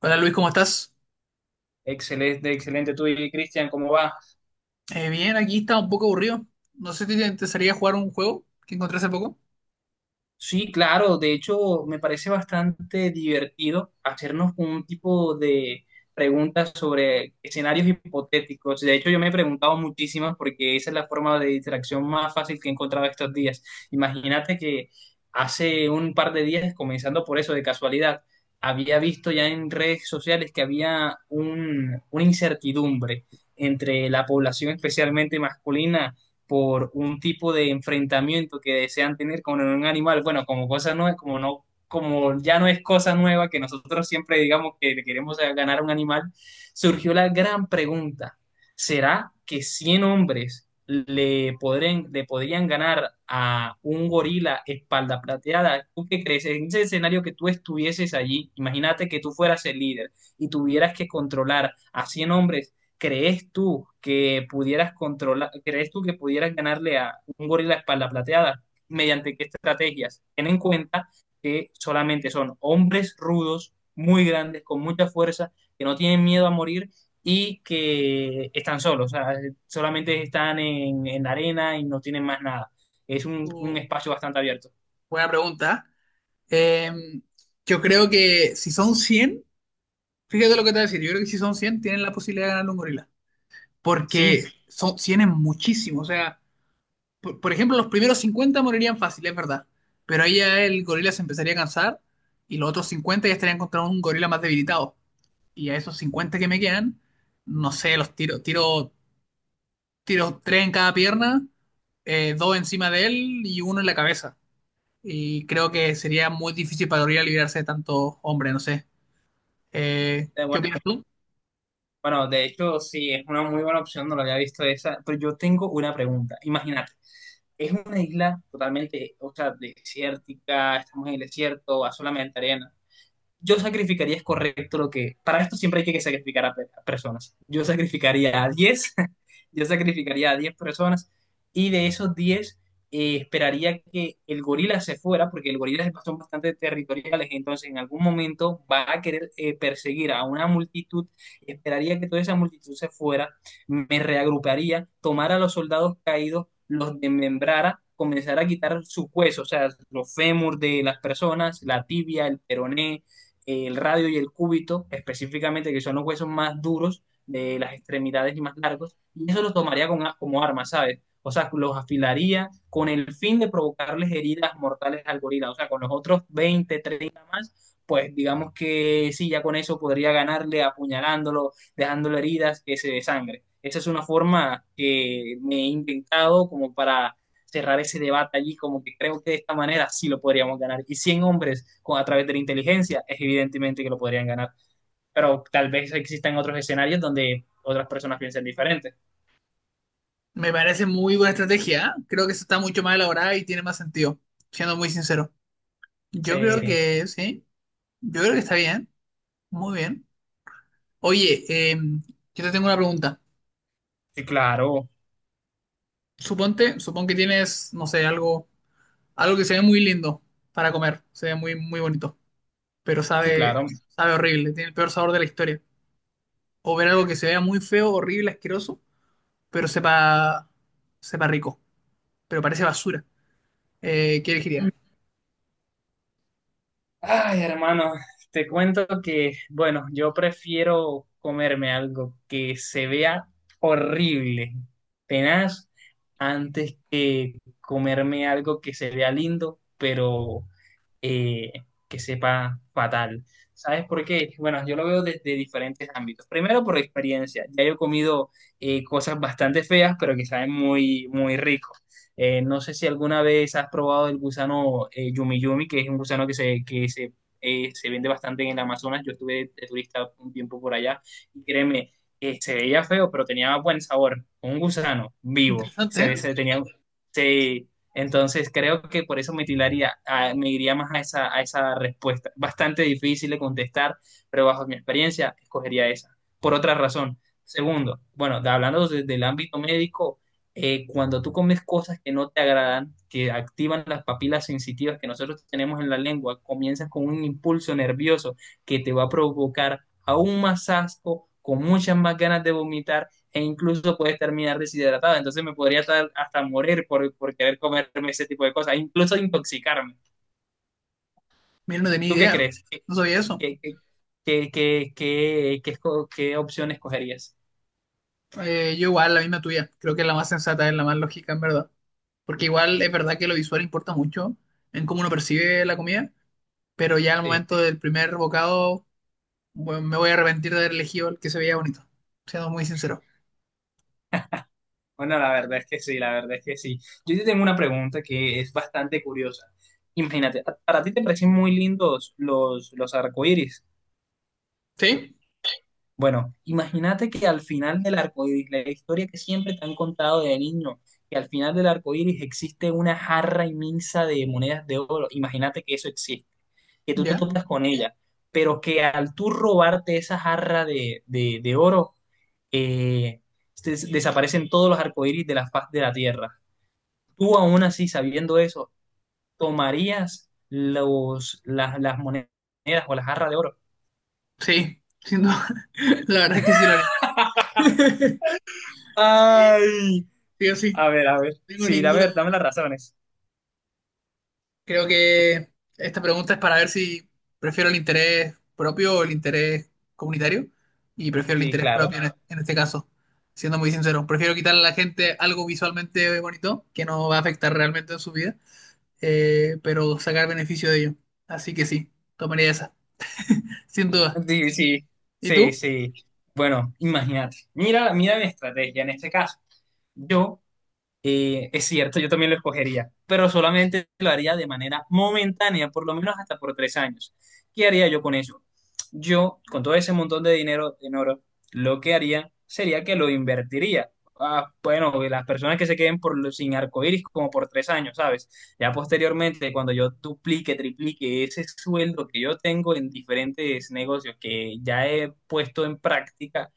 Hola Luis, ¿cómo estás? Excelente, excelente. Tú y Cristian, ¿cómo va? Bien, aquí está un poco aburrido. No sé si te interesaría jugar un juego que encontré hace poco. Sí, claro, de hecho me parece bastante divertido hacernos un tipo de preguntas sobre escenarios hipotéticos. De hecho, yo me he preguntado muchísimas porque esa es la forma de distracción más fácil que he encontrado estos días. Imagínate que hace un par de días, comenzando por eso de casualidad, había visto ya en redes sociales que había una incertidumbre entre la población especialmente masculina por un tipo de enfrentamiento que desean tener con un animal, bueno, como cosa no es como no como ya no es cosa nueva que nosotros siempre digamos que le queremos ganar a un animal, surgió la gran pregunta, ¿será que 100 hombres le podrían ganar a un gorila espalda plateada? ¿Tú qué crees? En ese escenario que tú estuvieses allí, imagínate que tú fueras el líder y tuvieras que controlar a 100 hombres. ¿Crees tú que pudieras ganarle a un gorila espalda plateada? ¿Mediante qué estrategias? Ten en cuenta que solamente son hombres rudos, muy grandes, con mucha fuerza, que no tienen miedo a morir y que están solos, o sea, solamente están en la arena y no tienen más nada. Es un, Uh, un espacio bastante abierto. buena pregunta. ¿eh? Eh, yo creo que si son 100, fíjate lo que te voy a decir. Yo creo que si son 100 tienen la posibilidad de ganar un gorila. Porque Sí. son 100 es muchísimo. O sea, por ejemplo, los primeros 50 morirían fácil, es verdad. Pero ahí ya el gorila se empezaría a cansar y los otros 50 ya estarían contra un gorila más debilitado y a esos 50 que me quedan, no sé, los tiro tres en cada pierna, dos encima de él y uno en la cabeza. Y creo que sería muy difícil para Gabriela librarse de tanto hombre, no sé. Eh, ¿Qué opinas tú? Bueno, de hecho, sí, es una muy buena opción, no lo había visto esa, pero yo tengo una pregunta. Imagínate, es una isla totalmente, o sea, desértica, estamos en el desierto, va solamente arena. Yo sacrificaría, es correcto lo que, para esto siempre hay que sacrificar a personas. Yo sacrificaría a 10 yo sacrificaría a 10 personas, y de esos 10 esperaría que el gorila se fuera, porque el gorila son bastante territoriales, entonces en algún momento va a querer perseguir a una multitud, esperaría que toda esa multitud se fuera, me reagruparía, tomara a los soldados caídos, los desmembrara, comenzara a quitar sus huesos, o sea, los fémur de las personas, la tibia, el peroné, el radio y el cúbito, específicamente, que son los huesos más duros de las extremidades y más largos, y eso los tomaría con como arma, ¿sabes? O sea, los afilaría con el fin de provocarles heridas mortales al gorila. O sea, con los otros 20 30 más, pues digamos que sí, ya con eso podría ganarle apuñalándolo, dejándole heridas que se desangre. Esa es una forma que me he inventado como para cerrar ese debate allí, como que creo que de esta manera sí lo podríamos ganar. Y 100 hombres, con, a través de la inteligencia, es evidentemente que lo podrían ganar. Pero tal vez existan otros escenarios donde otras personas piensen diferente. Me parece muy buena estrategia. ¿Eh? Creo que esa está mucho más elaborada y tiene más sentido, siendo muy sincero. Yo creo Sí, sí que sí, yo creo que está bien, muy bien. Oye, eh, yo te tengo una pregunta. sí, claro, Supón que tienes, no sé, algo que se ve muy lindo para comer, se ve muy, muy bonito pero sí, claro. sabe horrible, tiene el peor sabor de la historia. O ver algo que se vea muy feo, horrible, asqueroso, pero sepa rico, pero parece basura. ¿Qué elegiría? Ay, hermano, te cuento que, bueno, yo prefiero comerme algo que se vea horrible, tenaz, antes que comerme algo que se vea lindo, pero eh, que sepa fatal. ¿Sabes por qué? Bueno, yo lo veo desde diferentes ámbitos. Primero, por experiencia. Ya yo he comido cosas bastante feas, pero que saben muy, muy rico. No sé si alguna vez has probado el gusano Yumi Yumi, que es un gusano que se, se vende bastante en el Amazonas. Yo estuve de turista un tiempo por allá y créeme, se veía feo, pero tenía buen sabor. Un gusano vivo. Interesante, Se, ¿eh? ve- se tenía, se, Entonces creo que por eso me tiraría, me iría más a esa respuesta. Bastante difícil de contestar, pero bajo mi experiencia escogería esa. Por otra razón. Segundo, bueno, hablando desde el ámbito médico, cuando tú comes cosas que no te agradan, que activan las papilas sensitivas que nosotros tenemos en la lengua, comienzas con un impulso nervioso que te va a provocar aún más asco, con muchas más ganas de vomitar e incluso puedes terminar deshidratado. Entonces me podría hasta morir querer comerme ese tipo de cosas, incluso intoxicarme. Mira, no tenía ¿Tú qué idea, crees? No sabía eso. qué, qué, qué qué qué qué opción escogerías? Yo igual, la misma tuya, creo que es la más sensata, es la más lógica, en verdad. Porque igual es verdad que lo visual importa mucho en cómo uno percibe la comida, pero ya al Sí. momento del primer bocado, bueno, me voy a arrepentir de haber elegido el que se veía bonito, siendo muy sincero. Bueno, la verdad es que sí, la verdad es que sí. Yo te tengo una pregunta que es bastante curiosa. Imagínate, ¿para ti te parecen muy lindos los arcoíris? ¿Sí? Bueno, imagínate que al final del arcoíris, la historia que siempre te han contado de niño, que al final del arcoíris existe una jarra inmensa de monedas de oro. Imagínate que eso existe, que tú te ¿Ya? topas con ella, pero que al tú robarte esa jarra de oro, eh, desaparecen todos los arcoíris de la faz de la tierra. Tú aún así, sabiendo eso, ¿tomarías las monedas o las jarras de oro? Sí, sin duda. La verdad es que sí lo haría. Sí, Ay, sí o sí, no a ver, a ver. tengo Sí, a ninguna ver, duda. dame las razones. Creo que esta pregunta es para ver si prefiero el interés propio o el interés comunitario. Y prefiero el Sí, interés claro. propio en este caso, siendo muy sincero. Prefiero quitarle a la gente algo visualmente bonito que no va a afectar realmente en su vida, pero sacar beneficio de ello. Así que sí, tomaría esa, sin duda. Sí, sí, ¿Y sí, tú? sí. Bueno, imagínate. Mira, mira mi estrategia en este caso. Yo Es cierto, yo también lo escogería, pero solamente lo haría de manera momentánea, por lo menos hasta por 3 años. ¿Qué haría yo con eso? Yo, con todo ese montón de dinero en oro, lo que haría sería que lo invertiría. Ah, bueno, las personas que se queden por, sin arcoíris como por 3 años, ¿sabes? Ya posteriormente, cuando yo duplique, triplique ese sueldo que yo tengo en diferentes negocios que ya he puesto en práctica,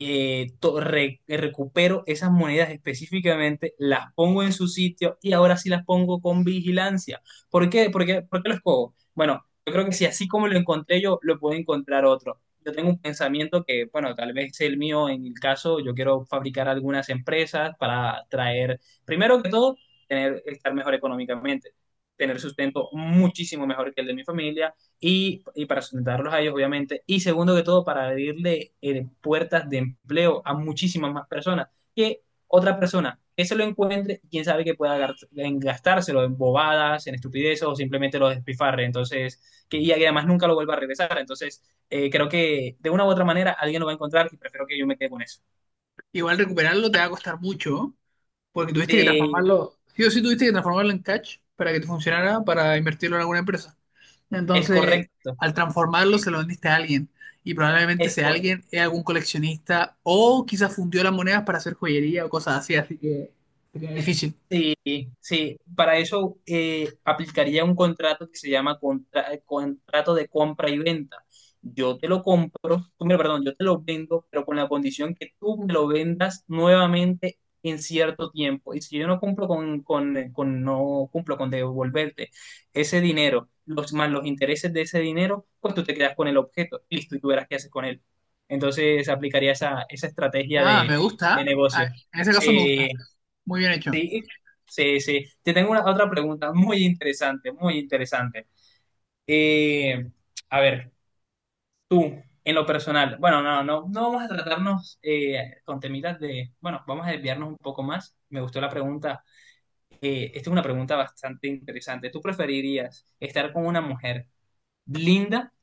recupero esas monedas específicamente, las pongo en su sitio y ahora sí las pongo con vigilancia. ¿Por qué? ¿Por qué lo escojo? Bueno, yo creo que si así como lo encontré yo, lo puede encontrar otro. Yo tengo un pensamiento que, bueno, tal vez el mío en el caso, yo quiero fabricar algunas empresas para traer, primero que todo, tener, estar mejor económicamente, tener sustento muchísimo mejor que el de mi familia y para sustentarlos a ellos, obviamente. Y segundo que todo, para abrirle puertas de empleo a muchísimas más personas. Que otra persona que se lo encuentre, quién sabe que pueda gastárselo en bobadas, en estupideces o simplemente lo despifarre. Entonces, que, y además nunca lo vuelva a regresar. Entonces, creo que de una u otra manera alguien lo va a encontrar y prefiero que yo me quede con eso. Igual recuperarlo te va a costar mucho, ¿no? Porque tuviste que Eh, transformarlo, sí o sí tuviste que transformarlo en cash para que te funcionara para invertirlo en alguna empresa. es Entonces, correcto. al transformarlo Sí, se lo vendiste a alguien. Y probablemente es ese correcto. alguien es algún coleccionista o quizás fundió las monedas para hacer joyería o cosas así, así que es difícil. Sí, sí, para eso aplicaría un contrato que se llama contrato de compra y venta. Yo te lo compro, tú perdón, yo te lo vendo, pero con la condición que tú me lo vendas nuevamente en cierto tiempo. Y si yo no cumplo con- no cumplo con devolverte ese dinero, los, más los intereses de ese dinero, pues tú te quedas con el objeto, listo, y tú verás qué haces con él. Entonces aplicaría esa estrategia Ah, me de gusta. negocio. Ah, en ese caso me Sí, gusta. Muy bien hecho. sí, sí, sí. Te tengo otra pregunta muy interesante, muy interesante. Eh, a ver, tú, en lo personal, bueno, no, no, no vamos a tratarnos con temitas de, bueno, vamos a desviarnos un poco más. Me gustó la pregunta. Esta es una pregunta bastante interesante. ¿Tú preferirías estar con una mujer linda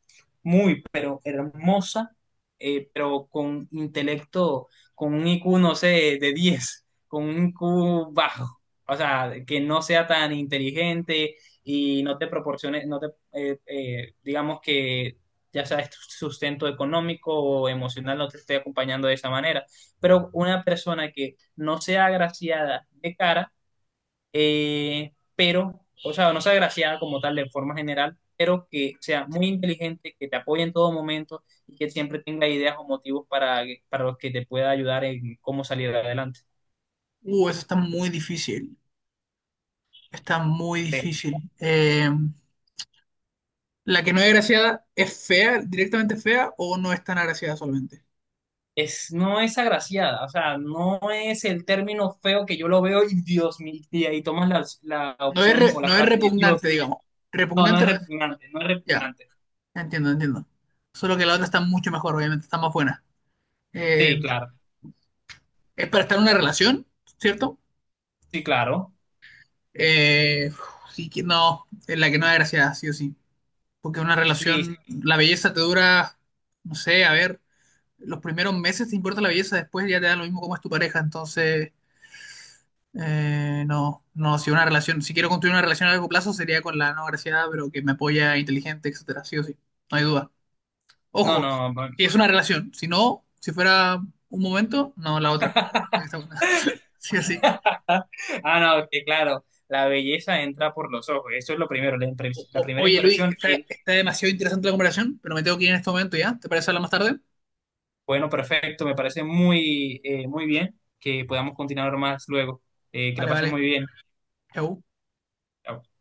muy, pero hermosa, pero con intelecto, con un IQ, no sé, de 10 con un IQ bajo? O sea, que no sea tan inteligente y no te proporcione, no te, digamos que ya sabes, tu sustento económico o emocional no te esté acompañando de esa manera. Pero una persona que no sea agraciada de cara, pero, o sea, no sea agraciada como tal de forma general, pero que sea muy inteligente, que te apoye en todo momento y que siempre tenga ideas o motivos para los que te pueda ayudar en cómo salir adelante. Eso está muy difícil. Está muy Eh, difícil. ¿La que no es agraciada es fea, directamente fea o no es tan agraciada solamente? No es agraciada, o sea, no es el término feo que yo lo veo y Dios mío, y ahí tomas la opción o la No es frase de Dios repugnante, mío. digamos. No, no Repugnante es no es. repugnante, no es Ya, repugnante. entiendo, entiendo. Solo que la otra está mucho mejor, obviamente, está más buena. Sí, Eh, claro, es para estar en una relación, ¿cierto? sí, claro. Eh, sí que no, es la que no da gracia, sí o sí. Porque una Sí, relación, la belleza te dura, no sé, a ver, los primeros meses te importa la belleza, después ya te da lo mismo cómo es tu pareja. Entonces, no, no, si una relación, si quiero construir una relación a largo plazo sería con la no graciada, pero que me apoya, inteligente, etcétera, sí o sí. No hay duda. no, Ojo, no. que es una relación. Si no, si fuera un momento, no la otra. Esta una. Sí, así. Ah, no, que claro, la belleza entra por los ojos, eso es lo primero, la primera Oye, Luis, impresión. Y está demasiado interesante la conversación, pero me tengo que ir en este momento ya. ¿Te parece hablar más tarde? bueno, perfecto, me parece muy, muy bien que podamos continuar más luego. Que la Vale, pases vale. muy bien. Chau. Chao.